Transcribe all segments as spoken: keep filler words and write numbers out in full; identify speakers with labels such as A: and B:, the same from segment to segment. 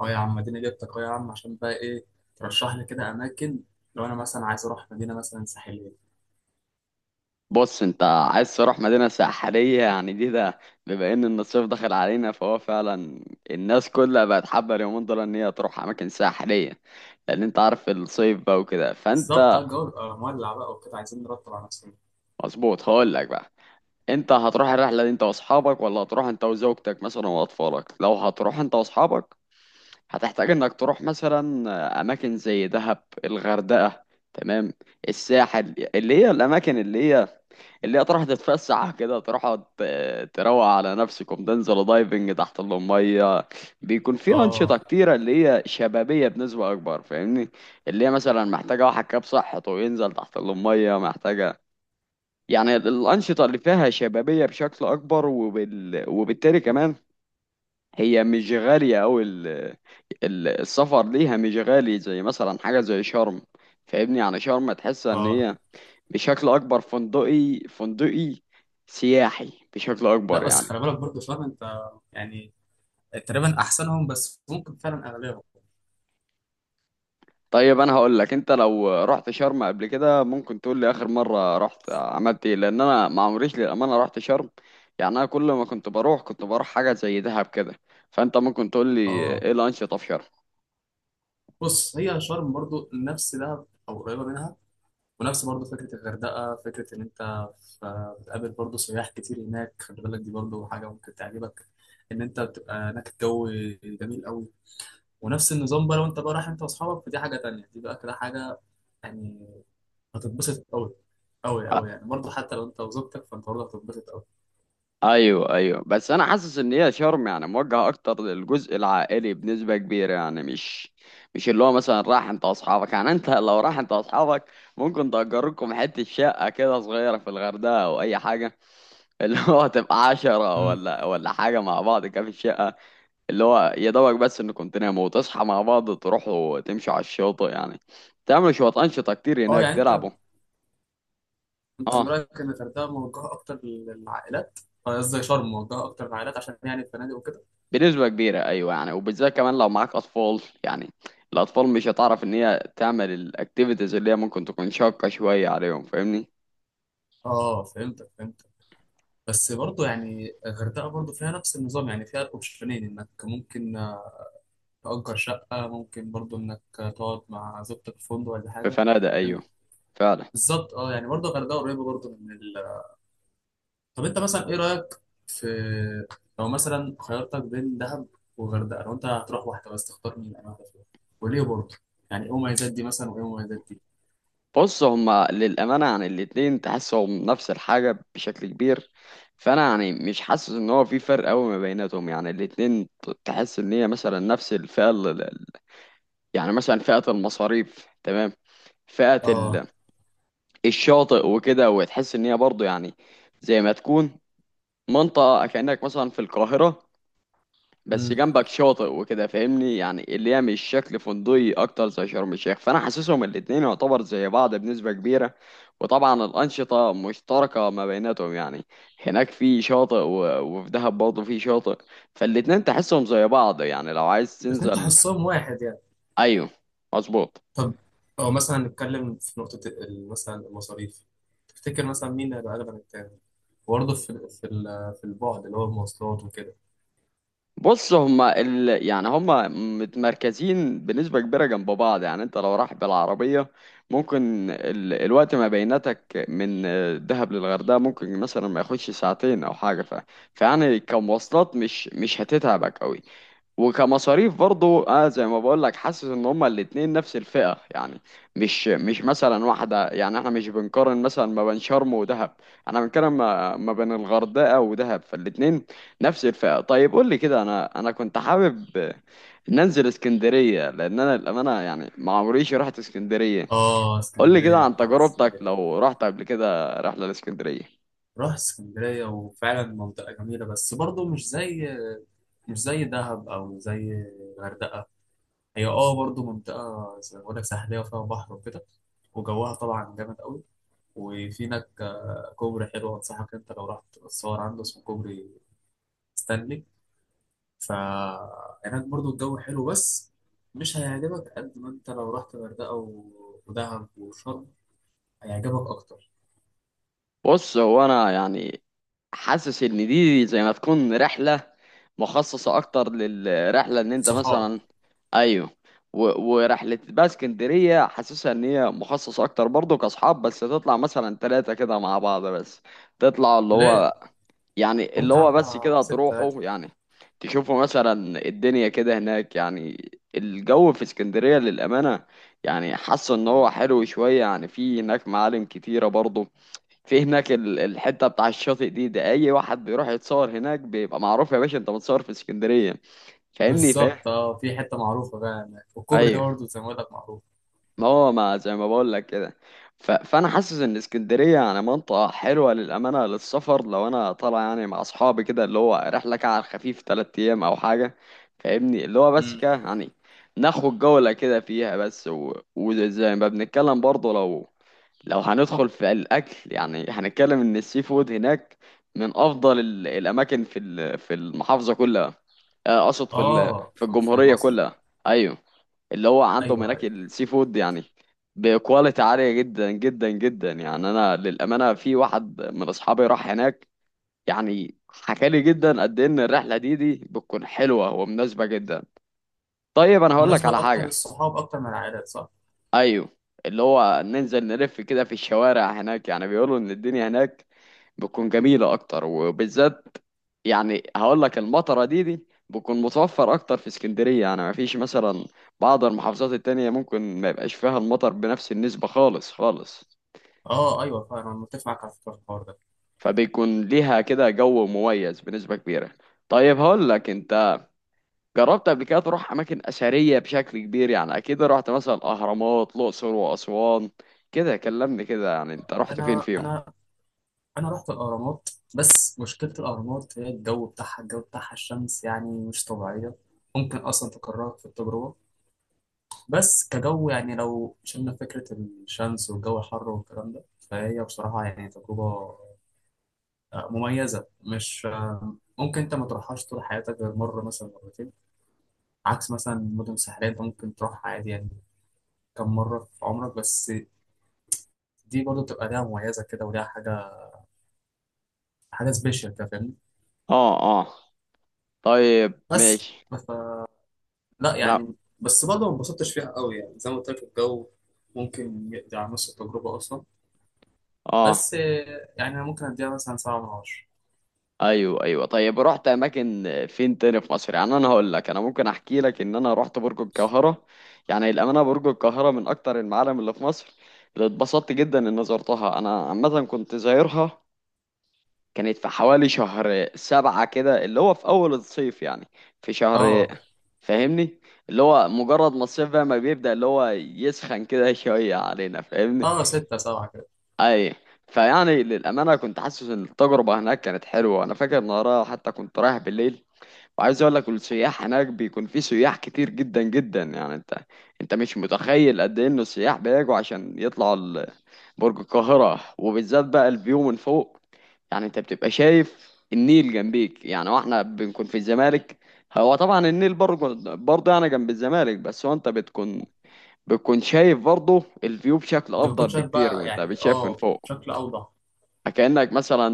A: اه يا عم اديني جبتك اه يا عم عشان بقى ايه. ترشح لي كده اماكن. لو انا مثلا عايز اروح مدينه مثلا ساحليه.
B: بص انت عايز تروح مدينة ساحلية، يعني دي ده بما ان إن الصيف دخل علينا، فهو فعلا الناس كلها بقت حابة اليومين دول ان هي تروح اماكن ساحلية، لان انت عارف الصيف بقى وكده
A: بالظبط اه،
B: فانت
A: الجو بيبقى مولع بقى وكده، عايزين نرتب على نفسنا.
B: مظبوط. هقول لك بقى، انت هتروح الرحلة دي انت واصحابك ولا هتروح انت وزوجتك مثلا واطفالك؟ لو هتروح انت واصحابك هتحتاج انك تروح مثلا اماكن زي دهب، الغردقة، تمام؟ الساحل، اللي هي الاماكن اللي هي اللي هي تروح تتفسح كده، تروح ت- تروق على نفسكم، تنزل دايفنج تحت المية. بيكون في
A: اه،
B: أنشطة كتيرة اللي هي شبابية بنسبة أكبر، فاهمني؟ اللي هي مثلا محتاجة واحد كاب صحته وينزل تحت المية، محتاجة يعني الأنشطة اللي فيها شبابية بشكل أكبر. وبال... وبالتالي كمان هي مش غالية أوي. ال- ال- السفر ليها مش غالي زي مثلا حاجة زي شرم. فاهمني؟ يعني شرم تحس إن
A: اه.
B: هي بشكل أكبر فندقي فندقي سياحي بشكل
A: لا
B: أكبر
A: بس
B: يعني.
A: خلي بالك برضه، فاهم انت يعني، تقريبا احسنهم بس ممكن فعلا اغلبهم.
B: طيب أنا هقول لك، أنت لو رحت شرم قبل كده ممكن تقول لي آخر مرة رحت عملت إيه؟ لأن أنا ما عمريش، للأمانة، رحت شرم. يعني أنا كل ما كنت بروح كنت بروح حاجة زي دهب كده، فأنت ممكن تقول لي
A: اه،
B: إيه الأنشطة في شرم.
A: بص هي شرم برضه نفس دهب او قريبه منها. ونفس برضه فكره الغردقه، فكره ان انت ف- بتقابل برضه سياح كتير هناك. خلي بالك دي برضه حاجه ممكن تعجبك، ان انت بتبقى هناك الجو جميل قوي. ونفس النظام بقى، لو انت بقى رايح انت واصحابك فدي حاجه تانية، دي بقى كده حاجه يعني هتتبسط قوي قوي قوي، يعني برضه حتى لو انت وزوجتك فانت برضه هتتبسط قوي.
B: ايوه ايوه، بس انا حاسس ان هي شرم يعني موجهه اكتر للجزء العائلي بنسبه كبيره، يعني مش مش اللي هو مثلا راح انت واصحابك. يعني انت لو راح انت واصحابك ممكن تأجر لكم حته شقه كده صغيره في الغردقه او اي حاجه، اللي هو تبقى عشرة
A: مم.
B: ولا ولا حاجه مع بعض كده في الشقه، اللي هو يا دوبك بس انكم تناموا وتصحى مع بعض، تروحوا تمشوا على الشاطئ، يعني تعملوا شويه انشطه كتير
A: اه
B: هناك،
A: يعني انت
B: تلعبوا.
A: انت من
B: اه،
A: رايك ان الغردقه موجهه اكتر للعائلات؟ آه، قصدي شرم موجهه اكتر للعائلات عشان يعني الفنادق وكده.
B: بنسبة كبيرة أيوة، يعني وبالذات كمان لو معاك أطفال، يعني الأطفال مش هتعرف إن هي تعمل الأكتيفيتيز اللي هي ممكن تكون شاقة شوية عليهم، فاهمني؟
A: اه، فهمتك فهمتك. بس برضه يعني الغردقه برضه فيها نفس النظام، يعني فيها الاوبشنين انك ممكن آه، تأجر شقه، ممكن برضه انك آه، تقعد مع زوجتك في فندق ولا
B: في
A: حاجه
B: فنادق أيوة،
A: يعني.
B: فعلا.
A: بالظبط اه، يعني برضه الغردقه قريبه برضه من. طب انت مثلا ايه رايك في، لو مثلا خيرتك بين دهب وغردقه لو انت هتروح واحده بس تختار مين؟ انا واحده فيهم، وليه برضه؟ يعني ايه مميزات دي مثلا وايه مميزات دي؟
B: بص هما للأمانة يعني الاتنين تحسهم نفس الحاجة بشكل كبير، فأنا يعني مش حاسس إن هو في فرق أوي ما بيناتهم. يعني الاتنين ت- تحس إن هي مثلا نفس الفئة. ال- ال- يعني مثلا فئة المصاريف، تمام؟ فئة
A: اه.
B: ال- الشاطئ وكده، وتحس إن هي برضه يعني زي ما تكون منطقة كأنك مثلا في القاهرة بس
A: امم
B: جنبك شاطئ وكده، فاهمني؟ يعني اللي هي مش شكل فندقي أكتر زي شرم الشيخ، فأنا حاسسهم الاتنين يعتبر زي بعض بنسبة كبيرة. وطبعا الأنشطة مشتركة ما بيناتهم، يعني هناك في شاطئ، و- وفي دهب برضه في شاطئ، فالاتنين تحسهم زي بعض، يعني لو عايز
A: الاثنين
B: تنزل.
A: تحسهم واحد يعني.
B: أيوه مظبوط.
A: طب او مثلا نتكلم في نقطه ال- مثلا المصاريف، تفتكر مثلا مين اللي هيبقى اغلى من التاني؟ برضه في في ال- في البعد اللي هو المواصلات وكده.
B: بص هما ال... يعني هما متمركزين بنسبة كبيرة جنب بعض، يعني انت لو رايح بالعربية ممكن ال... الوقت ما بينتك من آه، دهب للغردقة ممكن مثلا ما ياخدش ساعتين او حاجة. ف... فيعني كمواصلات مش مش هتتعبك قوي، وكمصاريف برضو اه زي ما بقول لك، حاسس ان هما الاتنين نفس الفئة، يعني مش مش مثلا واحدة. يعني احنا مش بنقارن مثلا ما بين شرم ودهب، انا بنتكلم ما, ما بين الغردقة ودهب، فالاتنين نفس الفئة. طيب قول لي كده، انا انا كنت حابب ننزل اسكندرية، لان انا الامانة يعني ما عمريش رحت اسكندرية.
A: اه،
B: قول لي كده
A: اسكندريه
B: عن
A: وحاجات
B: تجربتك
A: اسكندريه.
B: لو رحت قبل كده رحلة لاسكندرية.
A: رحت اسكندريه وفعلا منطقه جميله، بس برضه مش زي، مش زي دهب او زي الغردقه. هي اه برضو منطقه زي ما بقول لك ساحليه وفيها بحر وكده، وجوها طبعا جامد قوي. وفي هناك آه، كوبري حلو انصحك انت لو رحت تصور عنده، اسمه كوبري ستانلي. فهناك برضو الجو حلو، بس مش هيعجبك قد ما انت لو رحت الغردقه و- ودهب وشرم، هيعجبك اكتر.
B: بص هو انا يعني حاسس ان دي زي ما تكون رحله مخصصه اكتر للرحله ان انت
A: صحاب.
B: مثلا. ايوه. و- ورحله بقى اسكندريه حاسسها ان هي مخصصه اكتر برضه كاصحاب، بس تطلع مثلا ثلاثه كده مع بعض بس، تطلع اللي
A: ليه؟
B: هو يعني اللي
A: ممكن
B: هو بس
A: اطلع
B: كده،
A: ستة عادي.
B: تروحوا يعني تشوفوا مثلا الدنيا كده هناك. يعني الجو في اسكندريه للامانه يعني حاسه ان هو حلو شويه، يعني في هناك معالم كتيره برضه، في هناك ال- الحته بتاع الشاطئ دي ده اي واحد بيروح يتصور هناك بيبقى معروف، يا باشا انت متصور في اسكندريه، فاهمني؟ فاهم.
A: بالظبط اه، في حته معروفه بقى هناك، والكوبري ده
B: ايوه،
A: برضو زي ما بقول لك معروف.
B: ما هو ما زي ما بقول لك كده. ف... فانا حاسس ان اسكندريه يعني منطقه حلوه للامانه للسفر، لو انا طالع يعني مع اصحابي كده اللي هو رحله كده على الخفيف ثلاث ايام او حاجه، فاهمني؟ اللي هو بس كده يعني ناخد جوله كده فيها بس. و... وزي ما بنتكلم برضه، لو لو هندخل في الاكل، يعني هنتكلم ان السي فود هناك من افضل ال- الاماكن في ال- في المحافظه كلها، آه، اقصد في ال-
A: اه،
B: في
A: في في
B: الجمهوريه
A: مصر.
B: كلها، ايوه. اللي هو عندهم
A: ايوه،
B: هناك
A: ايوه.
B: السي فود يعني بكواليتي عاليه جدا جدا جدا. يعني انا للامانه في واحد من اصحابي راح هناك، يعني حكى لي جدا قد إيه ان الرحله دي دي بتكون حلوه ومناسبه جدا. طيب انا هقول لك
A: مناسبة
B: على
A: اكتر
B: حاجه،
A: للصحاب اكتر من العائلات، صح؟
B: ايوه، اللي هو ننزل نلف كده في الشوارع هناك. يعني بيقولوا ان الدنيا هناك بتكون جميلة اكتر، وبالذات يعني هقول لك المطرة دي دي بتكون متوفر اكتر في اسكندرية، يعني ما فيش مثلا بعض المحافظات التانية ممكن ما يبقاش فيها المطر بنفس النسبة خالص خالص.
A: اه ايوه، فعلا انا متفق معاك على فكرة في الحوار ده.
B: فبيكون ليها كده جو مميز بنسبة كبيرة. طيب هقول لك، انت جربت قبل كده تروح اماكن اثريه بشكل كبير؟ يعني اكيد رحت مثلا الاهرامات، الاقصر، واسوان. كده كلمني كده، يعني انت رحت فين
A: انا
B: فيهم؟
A: انا انا رحت الاهرامات. بس مشكلة الاهرامات هي الجو بتاعها، الجو بتاعها الشمس يعني مش طبيعية، ممكن اصلا تكرهك في التجربة. بس كجو يعني لو شلنا فكرة الشمس والجو الحر والكلام ده، فهي بصراحة يعني تجربة آه، مميزة. مش آه، ممكن انت ما تروحهاش طول حياتك غير مرة مثلا مرتين. عكس مثلا مدن ساحلية انت ممكن تروح عادي يعني كم مرة في عمرك بس. دي برضه بتبقى ليها مميزة كده، وليها حاجة، حاجة سبيشال كده فاهمني.
B: اه، اه، طيب
A: بس
B: ماشي،
A: ف... لا
B: انا
A: يعني بس برضه ما انبسطتش فيها قوي يعني، زي ما قلت لك الجو ممكن يقضي على نص التجربة أصلا.
B: اه.
A: بس آه، يعني أنا ممكن أديها مثلا سبعة من عشرة.
B: ايوه ايوه، طيب رحت اماكن فين تاني في مصر؟ يعني انا هقول لك، انا ممكن احكي لك ان انا رحت برج القاهره. يعني الامانه برج القاهره من اكتر المعالم اللي في مصر اللي اتبسطت جدا ان زرتها. انا عامه كنت زايرها، كانت في حوالي شهر سبعة كده، اللي هو في أول الصيف يعني، في شهر،
A: اه،
B: فاهمني؟ اللي هو مجرد ما الصيف بقى ما بيبدأ اللي هو يسخن كده شوية علينا، فاهمني؟
A: اه، ستة سبعة كده.
B: أي. فيعني للأمانة كنت حاسس إن التجربة هناك كانت حلوة. أنا فاكر إن وراها حتى كنت رايح بالليل، وعايز اقول لك السياح هناك بيكون في سياح كتير جدا جدا. يعني انت انت مش متخيل قد ايه ان السياح بيجوا عشان يطلعوا ال- برج القاهرة، وبالذات بقى الفيو من فوق. يعني انت بتبقى شايف النيل جنبيك، يعني واحنا بنكون في الزمالك. هو طبعا النيل برضه برضه يعني جنب الزمالك، بس هو انت بتكون بتكون شايف برضه الفيو بشكل
A: أنت
B: افضل
A: بتكون شايف
B: بكتير،
A: بقى
B: وانت
A: يعني
B: بتشاف من
A: اه
B: فوق،
A: بشكل أوضح.
B: كأنك مثلا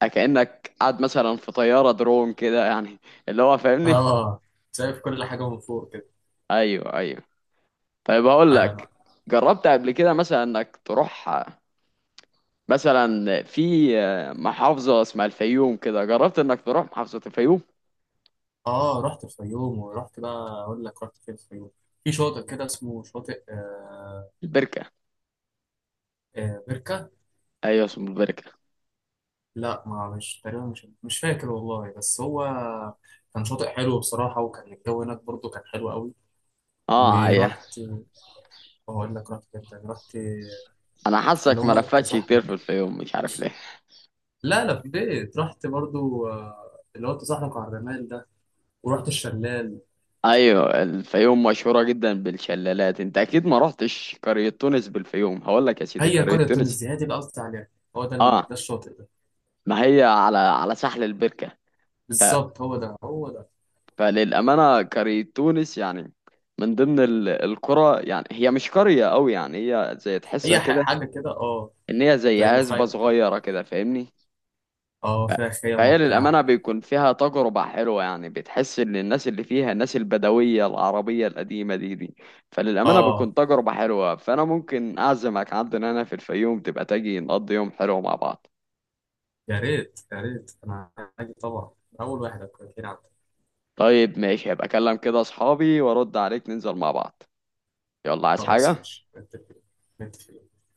B: كأنك قاعد مثلا في طيارة درون كده يعني، اللي هو فاهمني.
A: اه، شايف كل حاجة من فوق كده.
B: ايوه ايوه. طيب هقول
A: أيوة
B: لك،
A: أنا.
B: جربت قبل كده مثلا انك تروح مثلا في محافظة اسمها الفيوم كده؟ جربت انك تروح محافظة الفيوم؟
A: اه، رحت الفيوم ورحت بقى أقول لك رحت فين الفيوم. في شاطئ كده اسمه شاطئ آه.
B: البركة.
A: آه، بركة.
B: ايوه اسم البركة.
A: لا، ما مش تقريبا، مش مش فاكر والله، بس هو كان شاطئ حلو بصراحة، وكان الجو هناك برضه كان حلو قوي.
B: اه، ايوه،
A: ورحت، هقول لك رحت فين تاني. رحت
B: انا
A: اللي
B: حاسك ما
A: هو
B: لفتش كتير في
A: التزحلق.
B: الفيوم، مش عارف ليه.
A: لا لفيت، رحت برضه آه، اللي هو التزحلق على الرمال ده، ورحت الشلال.
B: ايوه، الفيوم مشهورة جدا بالشلالات، انت اكيد ما رحتش قرية تونس بالفيوم. هقول لك يا سيدي،
A: هي
B: قرية
A: قرية تونس
B: تونس،
A: دي هي دي اللي قصدي عليها، هو ده ال- ده
B: اه،
A: الشاطئ ده.
B: ما هي على على ساحل البركة.
A: بالظبط، هو ده هو ده.
B: فللأمانة قرية تونس يعني من ضمن ال- القرى، يعني هي مش قرية أوي، يعني هي زي تحسها
A: هي ح-
B: كده
A: حاجة كده اه،
B: إن هي زي
A: زي
B: عزبة
A: مخيم كده،
B: صغيرة كده، فاهمني؟
A: اه
B: ف-
A: فيها خيم
B: فهي
A: وبتاع.
B: للأمانة بيكون فيها تجربة حلوة. يعني بتحس إن الناس اللي فيها الناس البدوية العربية القديمة دي دي. فللأمانة
A: اه،
B: بتكون تجربة حلوة. فأنا ممكن أعزمك عندنا هنا في الفيوم، تبقى تجي نقضي يوم حلو مع بعض.
A: يا ريت يا ريت، انا هاجي طبعا، اول واحد هكون.
B: طيب ماشي، هبقى أكلم كده أصحابي وأرد عليك ننزل مع بعض. يلا عايز
A: خلاص
B: حاجة؟
A: ماشي نتفق، نتفق.